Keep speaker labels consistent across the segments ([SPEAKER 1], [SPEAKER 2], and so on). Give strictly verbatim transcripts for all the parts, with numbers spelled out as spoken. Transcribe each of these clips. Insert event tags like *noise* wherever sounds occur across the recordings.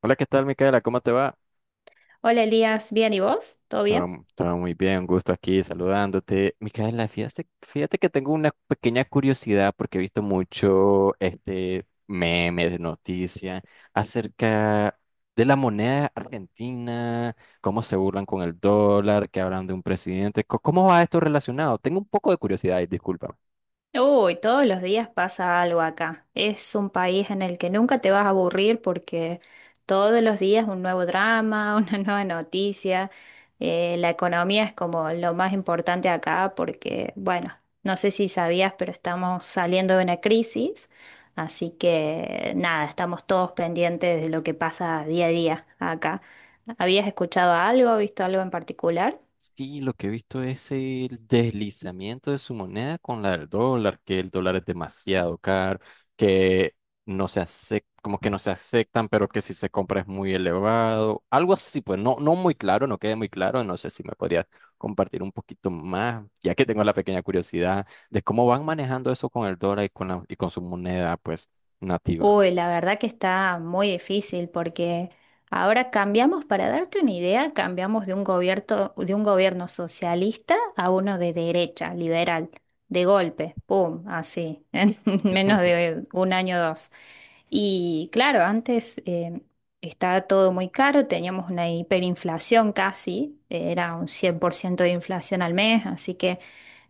[SPEAKER 1] Hola, ¿qué tal, Micaela? ¿Cómo te va?
[SPEAKER 2] Hola Elías, ¿bien y vos? ¿Todo bien?
[SPEAKER 1] Todo, todo muy bien, un gusto aquí saludándote. Micaela, fíjate, fíjate que tengo una pequeña curiosidad porque he visto mucho este memes, noticias acerca de la moneda argentina, cómo se burlan con el dólar, que hablan de un presidente. Co- ¿Cómo va esto relacionado? Tengo un poco de curiosidad y disculpa.
[SPEAKER 2] Uy, todos los días pasa algo acá. Es un país en el que nunca te vas a aburrir porque todos los días un nuevo drama, *laughs* una nueva noticia. Eh, la economía es como lo más importante acá porque, bueno, no sé si sabías, pero estamos saliendo de una crisis. Así que nada, estamos todos pendientes de lo que pasa día a día acá. ¿Habías escuchado algo, visto algo en particular?
[SPEAKER 1] Sí, lo que he visto es el deslizamiento de su moneda con la del dólar, que el dólar es demasiado caro, que no se acepta, como que no se aceptan, pero que si se compra es muy elevado. Algo así, pues no, no muy claro, no queda muy claro. No sé si me podrías compartir un poquito más, ya que tengo la pequeña curiosidad de cómo van manejando eso con el dólar y con la, y con su moneda, pues, nativa.
[SPEAKER 2] Uy, la verdad que está muy difícil porque ahora cambiamos, para darte una idea, cambiamos de un gobierno, de un gobierno socialista a uno de derecha, liberal, de golpe, pum, así, *laughs* en menos
[SPEAKER 1] *laughs*
[SPEAKER 2] de un año o dos. Y claro, antes eh, estaba todo muy caro, teníamos una hiperinflación casi, era un cien por ciento de inflación al mes, así que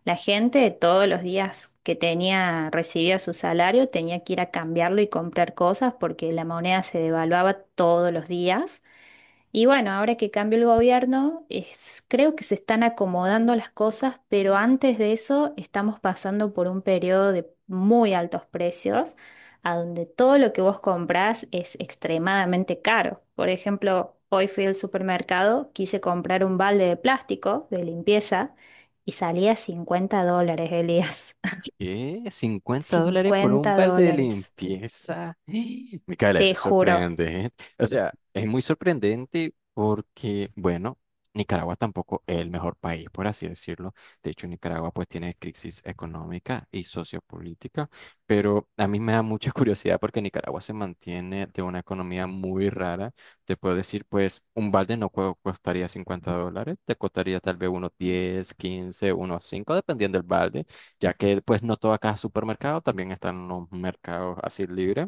[SPEAKER 2] la gente todos los días que tenía, recibía su salario, tenía que ir a cambiarlo y comprar cosas porque la moneda se devaluaba todos los días. Y bueno, ahora que cambió el gobierno, es- creo que se están acomodando las cosas, pero antes de eso estamos pasando por un periodo de muy altos precios, a donde todo lo que vos comprás es extremadamente caro. Por ejemplo, hoy fui al supermercado, quise comprar un balde de plástico de limpieza y salía cincuenta dólares, Elías. *laughs*
[SPEAKER 1] ¿Qué? ¿cincuenta dólares por un
[SPEAKER 2] 50
[SPEAKER 1] balde de
[SPEAKER 2] dólares,
[SPEAKER 1] limpieza? *gasps* Micaela, eso
[SPEAKER 2] te
[SPEAKER 1] es
[SPEAKER 2] juro.
[SPEAKER 1] sorprendente. O sea, es muy sorprendente porque, bueno, Nicaragua tampoco es el mejor país, por así decirlo. De hecho, Nicaragua pues tiene crisis económica y sociopolítica, pero a mí me da mucha *laughs* curiosidad porque Nicaragua se mantiene de una economía muy rara. Te puedo decir, pues, un balde no cu- costaría cincuenta dólares, te costaría tal vez unos diez, quince, unos cinco, dependiendo del balde, ya que pues no todo acá es supermercado, también están los mercados así libres.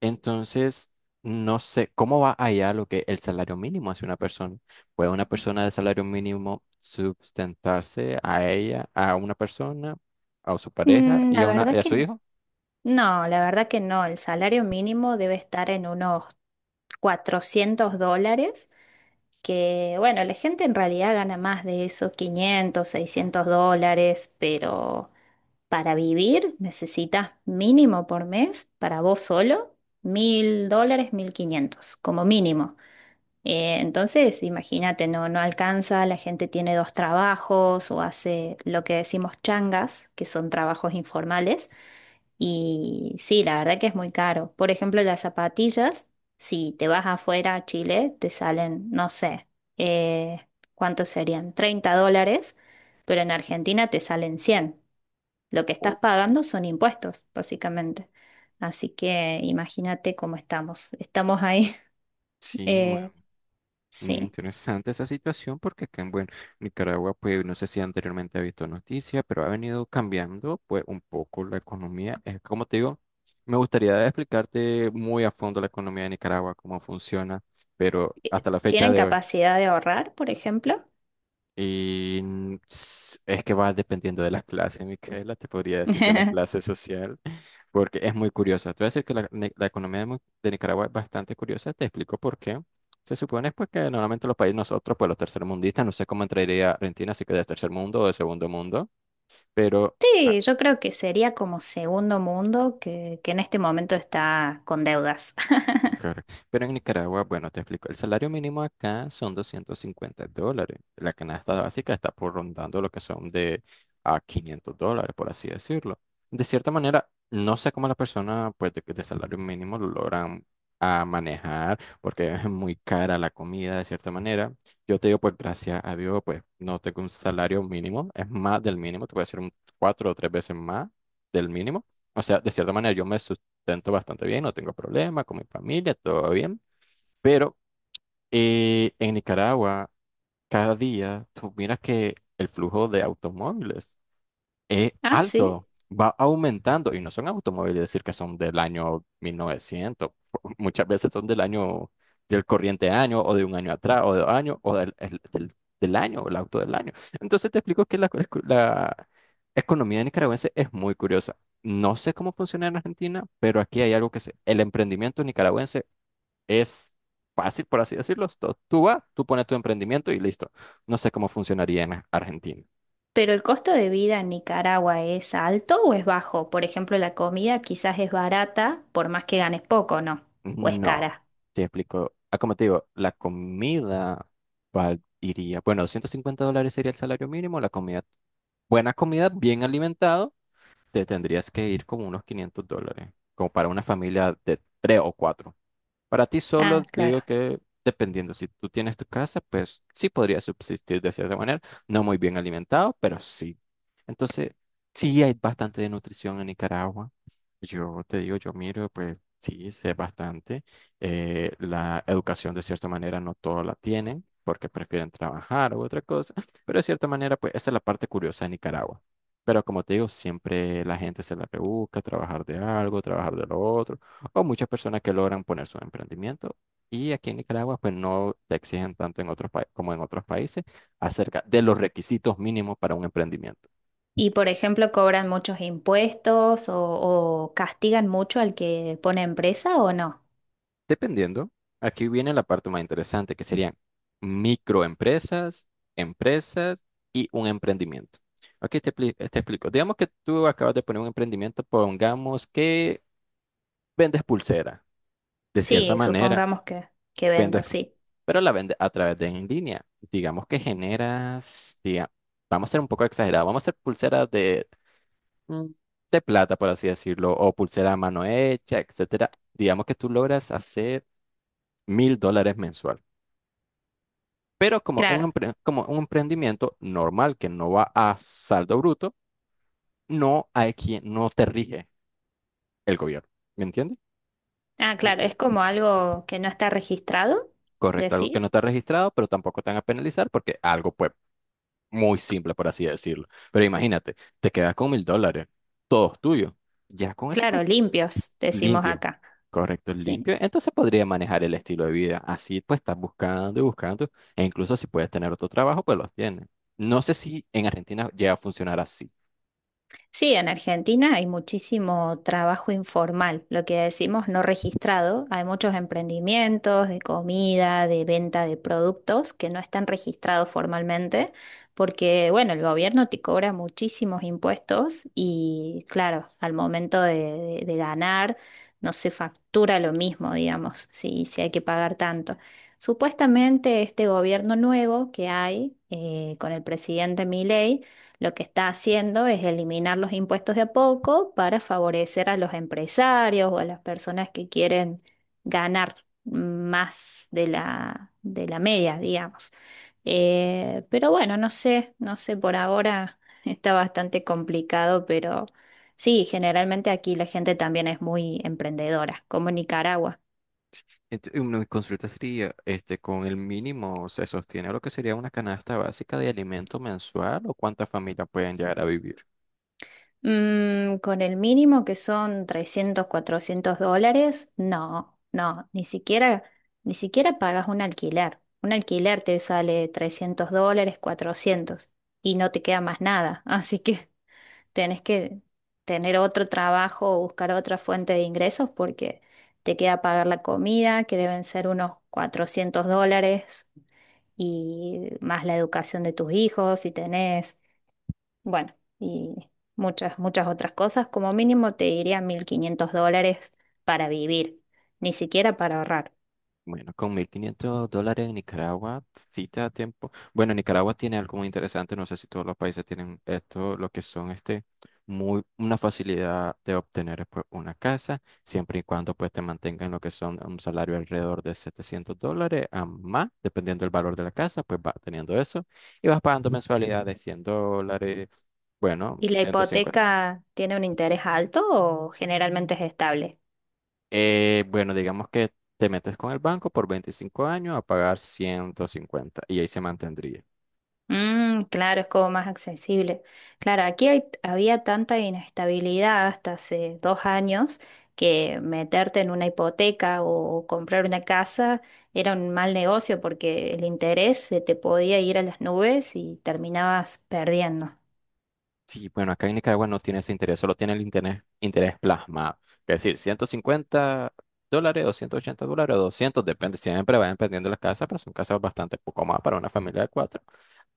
[SPEAKER 1] Entonces, no sé cómo va allá lo que el salario mínimo hace una persona. ¿Puede una persona de salario mínimo sustentarse a ella, a una persona, a su pareja
[SPEAKER 2] Mm,
[SPEAKER 1] y
[SPEAKER 2] la
[SPEAKER 1] a, una, y
[SPEAKER 2] verdad
[SPEAKER 1] a su
[SPEAKER 2] que
[SPEAKER 1] hijo?
[SPEAKER 2] no, la verdad que no. El salario mínimo debe estar en unos cuatrocientos dólares, que bueno, la gente en realidad gana más de eso, quinientos, seiscientos dólares, pero para vivir necesitas mínimo por mes, para vos solo, mil dólares, mil quinientos, como mínimo. Eh, entonces, imagínate, no, no alcanza, la gente tiene dos trabajos o hace lo que decimos changas, que son trabajos informales. Y sí, la verdad que es muy caro. Por ejemplo, las zapatillas, si te vas afuera a Chile, te salen, no sé, eh, ¿cuántos serían? Treinta dólares, pero en Argentina te salen cien. Lo que
[SPEAKER 1] O-
[SPEAKER 2] estás pagando son impuestos, básicamente. Así que imagínate cómo estamos. Estamos ahí. *laughs*
[SPEAKER 1] Sí.
[SPEAKER 2] eh,
[SPEAKER 1] Muy
[SPEAKER 2] sí.
[SPEAKER 1] interesante esa situación porque acá en, bueno, Nicaragua, pues no sé si anteriormente ha visto noticias, pero ha venido cambiando pues un poco la economía. Es como te digo, me gustaría explicarte muy a fondo la economía de Nicaragua, cómo funciona, pero
[SPEAKER 2] eh,
[SPEAKER 1] hasta la fecha
[SPEAKER 2] ¿Tienen
[SPEAKER 1] de hoy.
[SPEAKER 2] capacidad de ahorrar, por ejemplo?
[SPEAKER 1] Y mm, s- es que va dependiendo de la clase, Micaela, te podría decir de la clase
[SPEAKER 2] *laughs*
[SPEAKER 1] social, *laughs* porque es muy curiosa. Te voy a decir que la, ne- la economía de, Mu- de Nicaragua es bastante curiosa, te explico por qué. Se supone, pues, que normalmente los países nosotros, pues los tercermundistas, no sé cómo entraría Argentina, si que de tercer mundo o de segundo mundo, pero ah,
[SPEAKER 2] Sí, yo creo que sería como segundo mundo que, que en este momento está con deudas. *laughs*
[SPEAKER 1] correcto. Pero en Nicaragua, bueno, te explico, el salario mínimo acá son doscientos cincuenta dólares. La canasta básica está por rondando lo que son de a quinientos dólares, por así decirlo. De cierta manera, no sé cómo las personas, pues, de, de salario mínimo lo logran a manejar, porque es muy cara la comida, de cierta manera. Yo te digo, pues, gracias a Dios, pues no tengo un salario mínimo, es más del mínimo, te voy a decir un cuatro o tres veces más del mínimo. O sea, de cierta manera, yo me su- tanto bastante bien, no tengo problemas con mi familia, todo bien. Pero eh, en Nicaragua, cada día tú miras que el flujo de automóviles es
[SPEAKER 2] Ah, sí.
[SPEAKER 1] alto, va aumentando y no son automóviles, decir que son del año mil novecientos, *laughs* muchas veces son del año, del corriente año o de un año atrás o de dos años o del, el- del, del año o el auto del año. Entonces te explico que la, la economía nicaragüense es muy curiosa. No sé cómo funciona en Argentina, pero aquí hay algo que se, el emprendimiento nicaragüense es fácil, por así decirlo. Tú tú vas, tú pones tu emprendimiento y listo. No sé cómo funcionaría en Argentina.
[SPEAKER 2] ¿Pero el costo de vida en Nicaragua es alto o es bajo? Por ejemplo, la comida quizás es barata, por más que ganes poco, ¿no? ¿O es
[SPEAKER 1] No,
[SPEAKER 2] cara?
[SPEAKER 1] te explico. Ah, como te digo, la comida val- iría, bueno, ciento cincuenta dólares sería el salario mínimo, la comida, buena comida, bien alimentado, te tendrías que ir como unos quinientos dólares, como para una familia de tres o cuatro. Para ti
[SPEAKER 2] Ah,
[SPEAKER 1] solo,
[SPEAKER 2] claro.
[SPEAKER 1] digo que dependiendo, si tú tienes tu casa, pues sí podría subsistir de cierta manera, no muy bien alimentado, pero sí. Entonces, sí hay bastante de nutrición en Nicaragua. Yo te digo, yo miro, pues sí, sé bastante. Eh, la educación de cierta manera no todos la tienen porque prefieren trabajar u otra cosa, *laughs* pero de cierta manera, pues esa es la parte curiosa de Nicaragua. Pero como te digo, siempre la gente se la rebusca, trabajar de algo, trabajar de lo otro, o muchas personas que logran poner su emprendimiento. Y aquí en Nicaragua, pues no te exigen tanto en otros pa- como en otros países acerca de los requisitos mínimos para un emprendimiento.
[SPEAKER 2] Y por ejemplo, ¿cobran muchos impuestos o, o castigan mucho al que pone empresa o no?
[SPEAKER 1] Dependiendo, aquí viene la parte más interesante, que serían microempresas, empresas y un emprendimiento. Aquí te, pli- te explico. Digamos que tú acabas de poner un emprendimiento, pongamos que vendes pulsera. De cierta
[SPEAKER 2] Sí,
[SPEAKER 1] manera,
[SPEAKER 2] supongamos que, que
[SPEAKER 1] vendes,
[SPEAKER 2] vendo,
[SPEAKER 1] pro-
[SPEAKER 2] sí.
[SPEAKER 1] pero la vendes a través de en línea. Digamos que generas, diga, vamos a ser un poco exagerados, vamos a hacer pulseras de, mm, de plata, por así decirlo, o pulsera a mano hecha, etcétera. Digamos que tú logras hacer mil dólares mensual. Pero como un,
[SPEAKER 2] Claro.
[SPEAKER 1] empre- como un emprendimiento normal que no va a saldo bruto, no hay quien, no te rige el gobierno. ¿Me entiendes?
[SPEAKER 2] Ah,
[SPEAKER 1] Mm,
[SPEAKER 2] claro, es como algo que no está registrado,
[SPEAKER 1] Correcto, algo que no
[SPEAKER 2] decís.
[SPEAKER 1] está registrado, pero tampoco te van a penalizar porque algo, pues, muy simple, por así decirlo. Pero imagínate, te quedas con mil dólares, todos tuyos. Ya con eso, pues,
[SPEAKER 2] Claro, limpios, decimos
[SPEAKER 1] limpio.
[SPEAKER 2] acá.
[SPEAKER 1] Correcto,
[SPEAKER 2] Sí.
[SPEAKER 1] limpio. Entonces podría manejar el estilo de vida. Así pues estás buscando y buscando. E incluso si puedes tener otro trabajo, pues los tienes. No sé si en Argentina llega a funcionar así.
[SPEAKER 2] Sí, en Argentina hay muchísimo trabajo informal, lo que decimos no registrado. Hay muchos emprendimientos de comida, de venta de productos que no están registrados formalmente porque, bueno, el gobierno te cobra muchísimos impuestos y, claro, al momento de, de- de ganar no se factura lo mismo, digamos, si, si hay que pagar tanto. Supuestamente este gobierno nuevo que hay eh, con el presidente Milei lo que está haciendo es eliminar los impuestos de a poco para favorecer a los empresarios o a las personas que quieren ganar más de la, de la media, digamos. Eh, pero bueno, no sé, no sé, por ahora *laughs* está bastante complicado, pero sí, generalmente aquí la gente también es muy emprendedora, como en Nicaragua.
[SPEAKER 1] Entonces, una consulta sería, este, con el mínimo se sostiene lo que sería una canasta básica de alimento mensual o cuántas familias pueden llegar a vivir.
[SPEAKER 2] Mm, con el mínimo que son trescientos cuatrocientos dólares, no, no, ni siquiera, ni siquiera pagas un alquiler. Un alquiler te sale trescientos dólares, cuatrocientos y no te queda más nada. Así que *laughs* tenés que tener otro trabajo o buscar otra fuente de ingresos porque te queda pagar la comida, que deben ser unos cuatrocientos dólares y más la educación de tus hijos si tenés. Bueno, y muchas, muchas otras cosas. Como mínimo te diría mil quinientos dólares para vivir, ni siquiera para ahorrar.
[SPEAKER 1] Bueno, con mil quinientos dólares en Nicaragua, sí te da tiempo. Bueno, Nicaragua tiene algo muy interesante, no sé si todos los países tienen esto, lo que son, este, muy, una facilidad de obtener, pues, una casa, siempre y cuando pues te mantengan lo que son un salario alrededor de setecientos dólares a más, dependiendo del valor de la casa, pues vas teniendo eso y vas pagando mensualidades de cien dólares, bueno,
[SPEAKER 2] ¿Y la
[SPEAKER 1] ciento cincuenta.
[SPEAKER 2] hipoteca tiene un interés alto o generalmente es estable?
[SPEAKER 1] Eh, bueno, digamos que te metes con el banco por veinticinco años a pagar ciento cincuenta y ahí se mantendría.
[SPEAKER 2] Mm, claro, es como más accesible. Claro, aquí hay- había tanta inestabilidad hasta hace dos años que meterte en una hipoteca o comprar una casa era un mal negocio porque el interés se te podía ir a las nubes y terminabas perdiendo.
[SPEAKER 1] Sí, bueno, acá en Nicaragua no tiene ese interés, solo tiene el interés, interés plasmado. Es decir, ciento cincuenta dólares o ciento ochenta dólares o doscientos, depende, siempre va dependiendo de las casas, pero son casas bastante poco más para una familia de cuatro,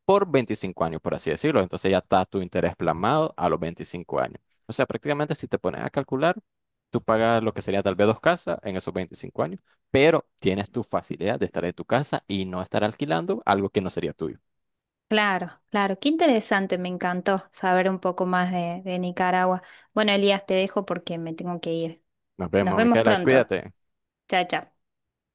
[SPEAKER 1] por veinticinco años, por así decirlo. Entonces ya está tu interés plasmado a los veinticinco años. O sea, prácticamente si te pones a calcular, tú pagas lo que sería tal vez dos casas en esos veinticinco años, pero tienes tu facilidad de estar en tu casa y no estar alquilando algo que no sería tuyo.
[SPEAKER 2] Claro, claro, qué interesante, me encantó saber un poco más de, de Nicaragua. Bueno, Elías, te dejo porque me tengo que ir.
[SPEAKER 1] Nos
[SPEAKER 2] Nos
[SPEAKER 1] vemos,
[SPEAKER 2] vemos
[SPEAKER 1] Micaela,
[SPEAKER 2] pronto.
[SPEAKER 1] cuídate.
[SPEAKER 2] Chao, chao.